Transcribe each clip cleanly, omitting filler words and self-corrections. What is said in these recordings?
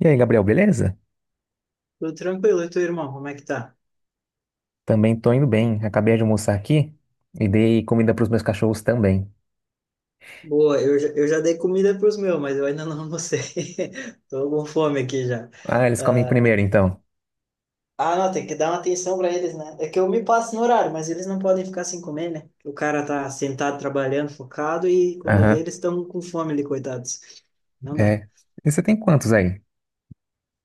E aí, Gabriel, beleza? Tudo tranquilo, e teu irmão, como é que tá? Também tô indo bem. Acabei de almoçar aqui e dei comida pros meus cachorros também. Boa, eu já dei comida para os meus, mas eu ainda não almocei. Tô com fome aqui já. Ah, eles comem Ah, primeiro, então. ah, não, tem que dar uma atenção para eles, né? É que eu me passo no horário, mas eles não podem ficar sem comer, né? O cara tá sentado trabalhando, focado, e quando vê, Aham, eles estão com fome ali, coitados. Não dá. é. E você tem quantos aí?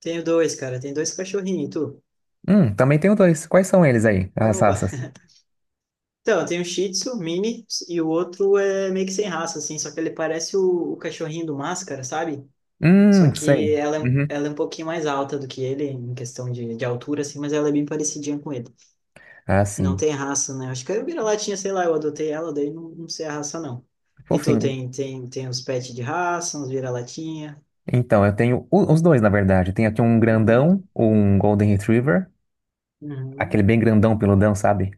Tenho dois, cara, tem dois cachorrinhos, e tu? Também tenho dois. Quais são eles aí, as Opa! raças? Então, eu tenho um Shih Tzu mini e o outro é meio que sem raça, assim, só que ele parece o cachorrinho do Máscara, sabe? Só Sei. que ela, Uhum. ela é um pouquinho mais alta do que ele, em questão de altura, assim, mas ela é bem parecidinha com ele. Ah, Não sim. tem raça, né? Acho que eu vira-latinha, sei lá, eu adotei ela, daí não sei a raça, não. E tu Fofinho. tem uns pets de raça, uns vira-latinha. Então, eu tenho os dois, na verdade. Tem aqui um Uhum. grandão, um Golden Retriever, aquele Uhum. bem grandão, peludão, sabe?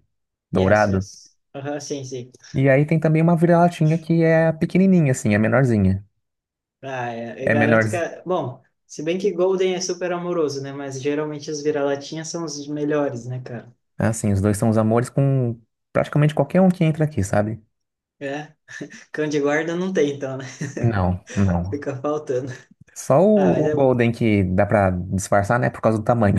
Yes, Dourado. yes. Aham, sim, sim. E aí tem também uma vira-latinha que é pequenininha, assim, é menorzinha. Ah, é, eu É menor. garanto que, bom, se bem que Golden é super amoroso, né? Mas geralmente os vira-latinhas são os melhores, né, cara? É, assim, os dois são os amores com praticamente qualquer um que entra aqui, sabe? É. Cão de guarda não tem, então, né? Não, não. Fica faltando. Só Ah, mas o é bom. Golden que dá pra disfarçar, né? Por causa do tamanho.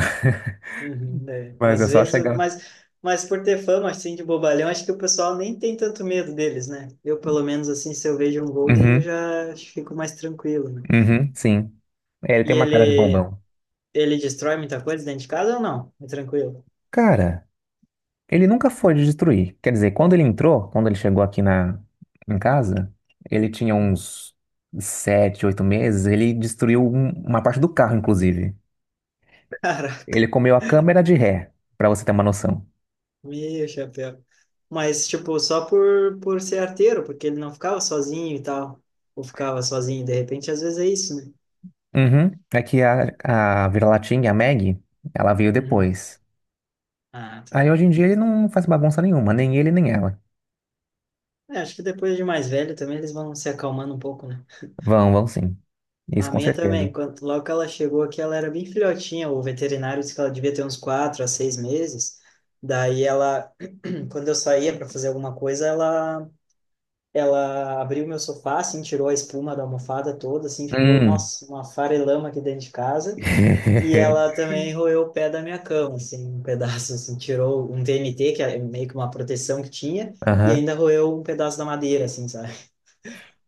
Uhum, é. Mas é Às só vezes, chegar. mas, por ter fama assim de bobalhão, acho que o pessoal nem tem tanto medo deles, né? Eu, pelo menos, assim, se eu vejo um Golden, eu Uhum, já fico mais tranquilo, né? uhum, sim. É, ele tem E uma cara de ele, bombão. ele destrói muita coisa dentro de casa ou não? É tranquilo. Cara, ele nunca foi de destruir. Quer dizer, quando ele chegou aqui em casa, ele tinha uns 7, 8 meses, ele destruiu uma parte do carro, inclusive. Caraca, Ele comeu a câmera de ré, pra você ter uma noção. meu chapéu. Mas, tipo, só por ser arteiro, porque ele não ficava sozinho e tal. Ou ficava sozinho, de repente, às vezes é isso, né? Uhum. É que a vira-latinha, a Maggie, ela veio Uhum. depois. Ah, tá. Aí hoje em dia ele não faz bagunça nenhuma, nem ele nem ela. É, acho que depois de mais velho também eles vão se acalmando um pouco, né? Vão, vão sim. Isso A com minha certeza. também, quando, logo que ela chegou aqui, ela era bem filhotinha. O veterinário disse que ela devia ter uns 4 a 6 meses. Daí ela, quando eu saía para fazer alguma coisa, ela, abriu meu sofá, assim, tirou a espuma da almofada toda, assim, ficou, Hum. nossa, uma farelama aqui dentro de casa. E ela também roeu o pé da minha cama, assim, um pedaço, assim, tirou um VMT, que é meio que uma proteção que tinha, e Aham. ainda roeu um pedaço da madeira, assim, sabe?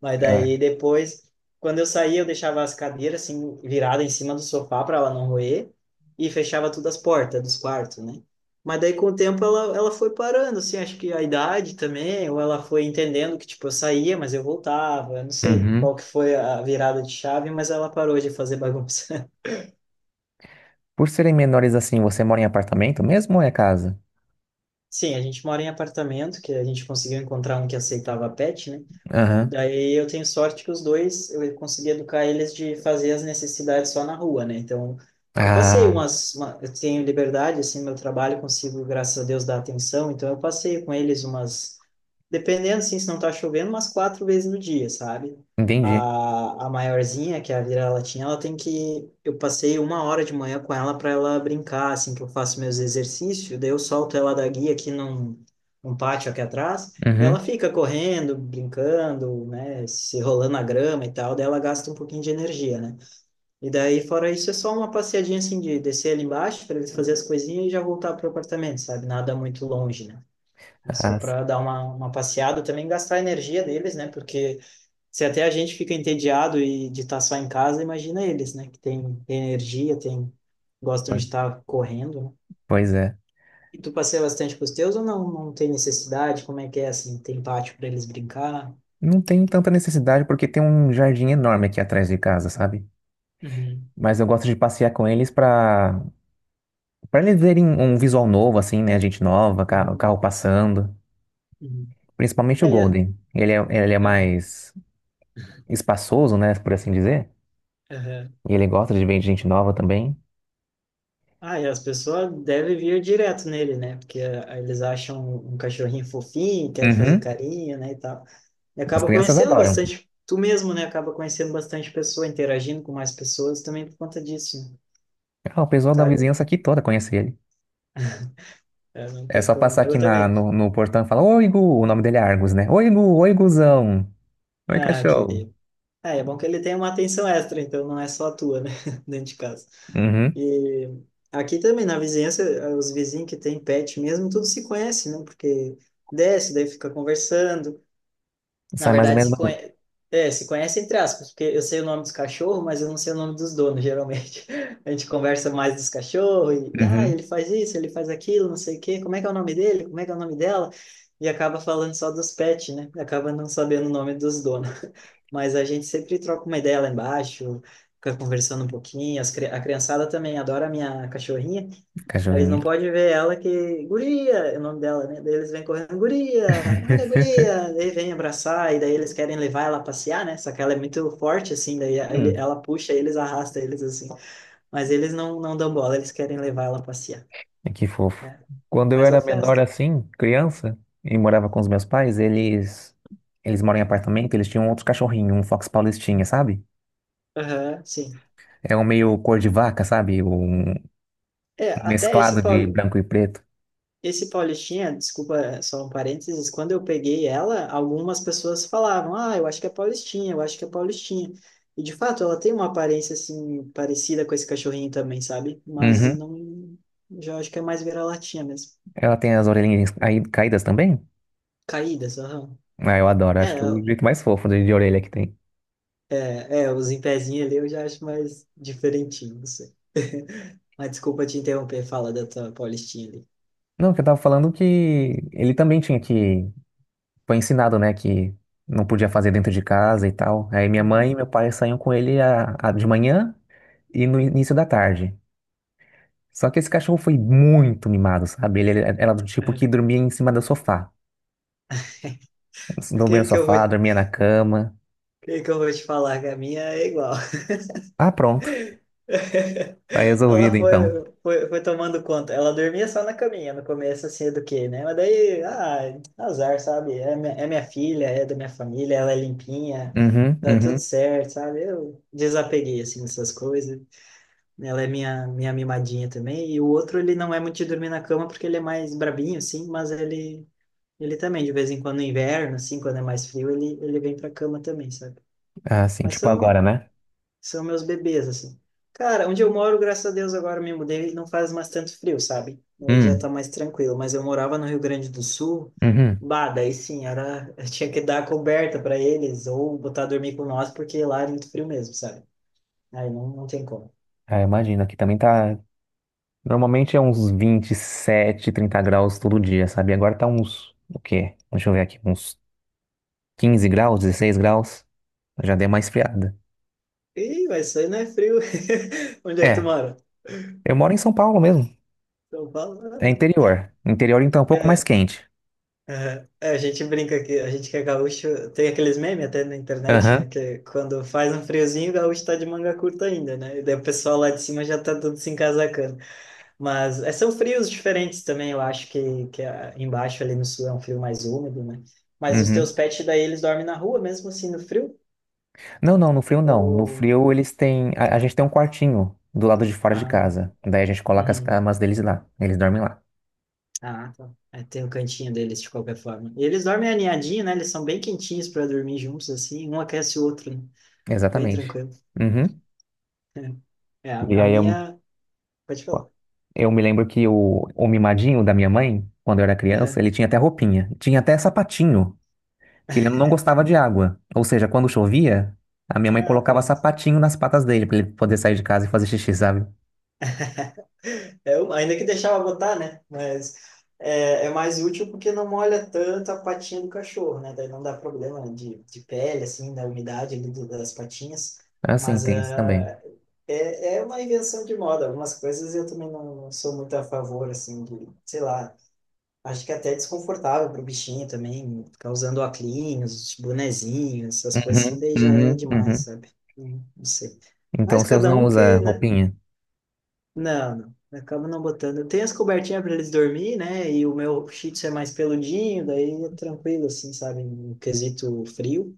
Mas É. daí depois, quando eu saía, eu deixava as cadeiras assim virada em cima do sofá para ela não roer e fechava todas as portas dos quartos, né? Mas daí com o tempo ela foi parando, assim, acho que a idade também, ou ela foi entendendo que tipo eu saía, mas eu voltava, eu não sei Uhum. qual que foi a virada de chave, mas ela parou de fazer bagunça. Por serem menores assim, você mora em apartamento mesmo ou é casa? Sim, a gente mora em apartamento, que a gente conseguiu encontrar um que aceitava pet, né? Aham. Daí eu tenho sorte que os dois, eu consegui educar eles de fazer as necessidades só na rua, né? Então, eu passei Ah, eu tenho liberdade, assim, meu trabalho, consigo, graças a Deus, dar atenção, então eu passei com eles umas, dependendo, assim, se não tá chovendo, umas quatro vezes no dia, sabe? entendi. A maiorzinha, que é a vira-latinha, ela tem que, eu passei 1 hora de manhã com ela para ela brincar, assim, que eu faço meus exercícios, daí eu solto ela da guia aqui num pátio aqui atrás, e ela Uhum. fica correndo, brincando, né, se rolando na grama e tal, daí ela gasta um pouquinho de energia, né? E daí, fora isso, é só uma passeadinha assim de descer ali embaixo para ele fazer as coisinhas e já voltar para o apartamento, sabe? Nada muito longe, né? É Ah, só para dar uma passeada, também gastar a energia deles, né? Porque se até a gente fica entediado e de estar só em casa, imagina eles, né? Que tem energia, tem, gostam po- de estar correndo, né? pois é. E tu passeia bastante com os teus ou não? Não tem necessidade? Como é que é assim? Tem pátio para eles brincar? Não tem tanta necessidade porque tem um jardim enorme aqui atrás de casa, sabe? Uhum, Mas eu gosto de passear com eles pra eles verem um visual novo, assim, né? Gente nova, o uhum, carro passando. uhum. Principalmente o É, e Golden. Ele é é, mais espaçoso, né? Por assim dizer. aham. E ele gosta de ver gente nova também. Ah, e as pessoas devem vir direto nele, né? Porque eles acham um cachorrinho fofinho, querem fazer Uhum. carinho, né, e tal. E As acaba crianças conhecendo adoram. bastante, tu mesmo, né? Acaba conhecendo bastante pessoa, interagindo com mais pessoas também por conta disso, né? Ah, o pessoal da Tá, vizinhança aqui toda conhece ele. é, não É tem só passar como. aqui Eu na, também. no, no portão e falar: Oi, Gu! O nome dele é Argus, né? Oi, Gu! Oi, Guzão! Oi, Ah, cachorro! querido. É bom que ele tem uma atenção extra, então não é só a tua, né? Dentro de casa. Uhum. E aqui também, na vizinhança, os vizinhos que têm pet mesmo, tudo se conhece, né? Porque desce, daí fica conversando. Na Sai mais ou verdade, menos. se conhece, é, se conhece entre aspas, porque eu sei o nome dos cachorros, mas eu não sei o nome dos donos, geralmente. A gente conversa mais dos cachorros, e, Uhum. ele faz isso, ele faz aquilo, não sei o quê, como é que é o nome dele, como é que é o nome dela, e acaba falando só dos pets, né? Acaba não sabendo o nome dos donos mas a gente sempre troca uma ideia lá embaixo, fica conversando um pouquinho. A criançada também adora a minha cachorrinha. Eles não Cachorrinho. podem ver ela que. Guria! É o nome dela, né? Daí eles vêm correndo, Guria! Olha, a guria! Daí vem abraçar, e daí eles querem levar ela a passear, né? Só que ela é muito forte, assim, daí ela puxa eles, arrasta eles, assim. Mas eles não dão bola, eles querem levar ela a passear. E que fofo. É, Quando eu faz a era menor festa. assim, criança, e morava com os meus pais, eles moram em apartamento, eles tinham outro cachorrinho, um Fox Paulistinha, sabe? Aham, sim. É um meio cor de vaca, sabe? Um É, até esse mesclado de branco e preto. Esse Paulistinha, desculpa só um parênteses, quando eu peguei ela, algumas pessoas falavam, ah, eu acho que é Paulistinha, eu acho que é Paulistinha. E de fato, ela tem uma aparência assim parecida com esse cachorrinho também, sabe? Mas Uhum. não, já acho que é mais vira-latinha mesmo. Ela tem as orelhinhas aí caídas também? Caídas, aham. Ah, eu adoro, É, acho que é o jeito mais fofo de orelha que tem. é, os em pezinho ali eu já acho mais diferentinho, não sei. Mas desculpa te interromper, fala da tua Paulistinha ali. Não, que eu tava falando que ele também tinha que. Foi ensinado, né, que não podia fazer dentro de casa e tal. Aí minha mãe e meu Uhum. pai saíam com ele de manhã e no início da tarde. Só que esse cachorro foi muito mimado, sabe? Ele era do tipo que É. dormia em cima do sofá. O Dormia no que que eu vou, sofá, o dormia na cama. que que eu vou te falar, que a minha é igual. Ah, pronto. Tá resolvido Ela então. foi tomando conta. Ela dormia só na caminha no começo, assim, do quê, né? Mas daí, azar, sabe? É minha filha, é da minha família, ela é limpinha, Uhum, tá tudo uhum. certo, sabe? Eu desapeguei, assim, dessas coisas. Ela é minha mimadinha também. E o outro, ele não é muito de dormir na cama porque ele é mais brabinho, assim, mas ele, também, de vez em quando, no inverno, assim, quando é mais frio, ele vem pra cama também, sabe? Ah, sim, Mas tipo agora, são né? são meus bebês, assim. Cara, onde eu moro, graças a Deus, agora me mudei e não faz mais tanto frio, sabe? Aí já tá Hum, mais tranquilo. Mas eu morava no Rio Grande do Sul, uhum. bah, daí sim, era. Eu tinha que dar coberta para eles ou botar a dormir com nós, porque lá é muito frio mesmo, sabe? Aí não tem como. Ah, imagina, aqui também tá. Normalmente é uns 27, 30 graus todo dia, sabe? Agora tá uns. O quê? Deixa eu ver aqui. Uns 15 graus, 16 graus. Já deu uma esfriada. Ih, mas isso aí não é frio. Onde é que tu É, mora? eu moro em São Paulo mesmo. São Paulo, ah, É né? interior. Interior então é um pouco mais É, quente. aham. É, a gente brinca que a gente que é gaúcho tem aqueles memes até na internet, Aham. né? Que quando faz um friozinho, o gaúcho tá de manga curta ainda, né? E daí o pessoal lá de cima já tá todo se encasacando. Mas é, são frios diferentes também, eu acho que, embaixo ali no sul é um frio mais úmido, né? Mas os teus Uhum. pets daí eles dormem na rua mesmo assim no frio? Não, não, no frio não. No Ou. frio eles têm. A gente tem um quartinho do lado de fora de Ah, casa. Daí a gente coloca as uhum. camas deles lá. Eles dormem lá. Ah, tá. É, tem o cantinho deles de qualquer forma. E eles dormem aninhadinho, né? Eles são bem quentinhos para dormir juntos assim, um aquece o outro, né? Bem Exatamente. tranquilo. Uhum. É, a, E a aí eu, minha. Pode falar. eu me lembro que o mimadinho da minha mãe, quando eu era criança, Aham. ele tinha até roupinha. Tinha até sapatinho, que ele não gostava de água. Ou seja, quando chovia, a minha mãe Ah, colocava pronto. sapatinho nas patas dele pra ele poder sair de casa e fazer xixi, sabe? É, ainda que deixava botar, né? Mas é mais útil porque não molha tanto a patinha do cachorro, né? Daí não dá problema de pele, assim, da umidade ali das patinhas. É, assim, Mas tem isso também. É uma invenção de moda. Algumas coisas eu também não sou muito a favor, assim, de, sei lá. Acho que é até desconfortável pro bichinho também, ficar usando óculos, bonezinhos, essas coisas assim, Uhum, daí já é uhum, demais, uhum. sabe? Não, não sei. Então, Mas vocês cada não um que, usam né? roupinha? Não, não. Eu acabo não botando. Tem as cobertinhas para eles dormir, né? E o meu Shih Tzu é mais peludinho, daí é tranquilo, assim, sabe? No quesito frio.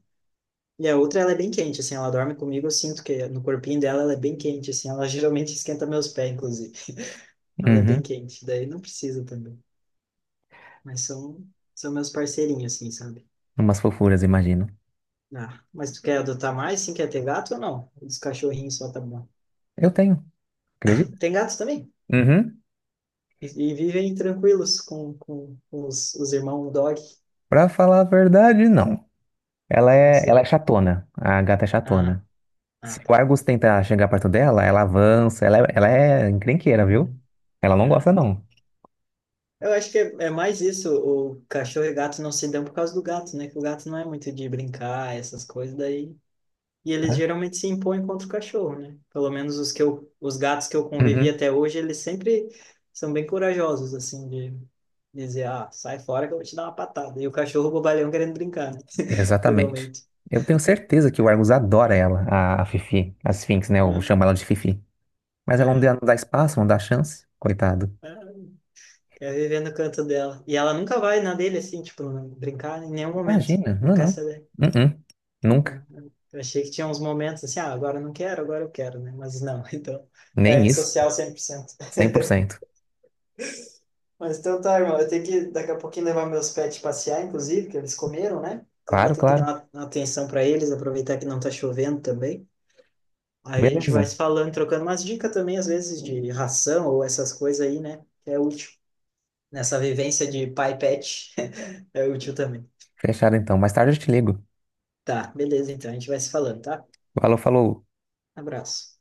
E a outra, ela é bem quente, assim, ela dorme comigo, eu sinto que no corpinho dela ela é bem quente, assim, ela geralmente esquenta meus pés, inclusive. Ela é bem Uhum. quente, daí não precisa também. Mas são meus parceirinhos, assim, sabe? Umas fofuras, imagino. Ah, mas tu quer adotar mais sim quer ter gato ou não? Os cachorrinhos só tá bom. Eu tenho, acredita? Tem gatos também? Uhum. E vivem tranquilos com os irmãos dog? Pra falar a verdade, não. Ela Não é, ela sei. é chatona. A gata é Ah, chatona. Se ah, o tá. Argus tenta chegar perto dela, ela avança. Ela é encrenqueira, viu? Uhum. Ela não Ah, gosta, então. não. Eu acho que é mais isso. O cachorro e gato não se dão por causa do gato, né? Que o gato não é muito de brincar, essas coisas. Daí, e eles Tá? geralmente se impõem contra o cachorro, né? Pelo menos os que eu, os gatos que eu convivi Uhum. até hoje, eles sempre são bem corajosos, assim, de dizer, ah, sai fora que eu vou te dar uma patada. E o cachorro bobalhão querendo brincar, né? Exatamente. Geralmente. Eu tenho certeza que o Argus adora ela, a Fifi. A Sphinx, né? Eu Aham, chamo ela de Fifi. Mas ela não dá, aham. não dá espaço, não dá chance. Coitado. Ah, quer viver no canto dela. E ela nunca vai na dele, assim, tipo, não brincar em nenhum momento. Imagina. Não Não, quer não. saber. Uh-uh. Nunca. Aham. Eu achei que tinha uns momentos assim, ah, agora eu não quero, agora eu quero, né? Mas não, então, é Nem isso. antissocial 100%. 100%. Mas então tá, irmão. Eu tenho que daqui a pouquinho levar meus pets passear, inclusive, que eles comeram, né? Então eu vou Claro, ter que dar claro. uma atenção para eles, aproveitar que não tá chovendo também. Aí a gente vai Beleza. se falando, trocando umas dicas também, às vezes, de ração ou essas coisas aí, né? Que é útil. Nessa vivência de pai e pet, é útil também. Fechado então. Mais tarde eu te ligo. Tá, beleza, então. A gente vai se falando, tá? Falou, falou. Abraço.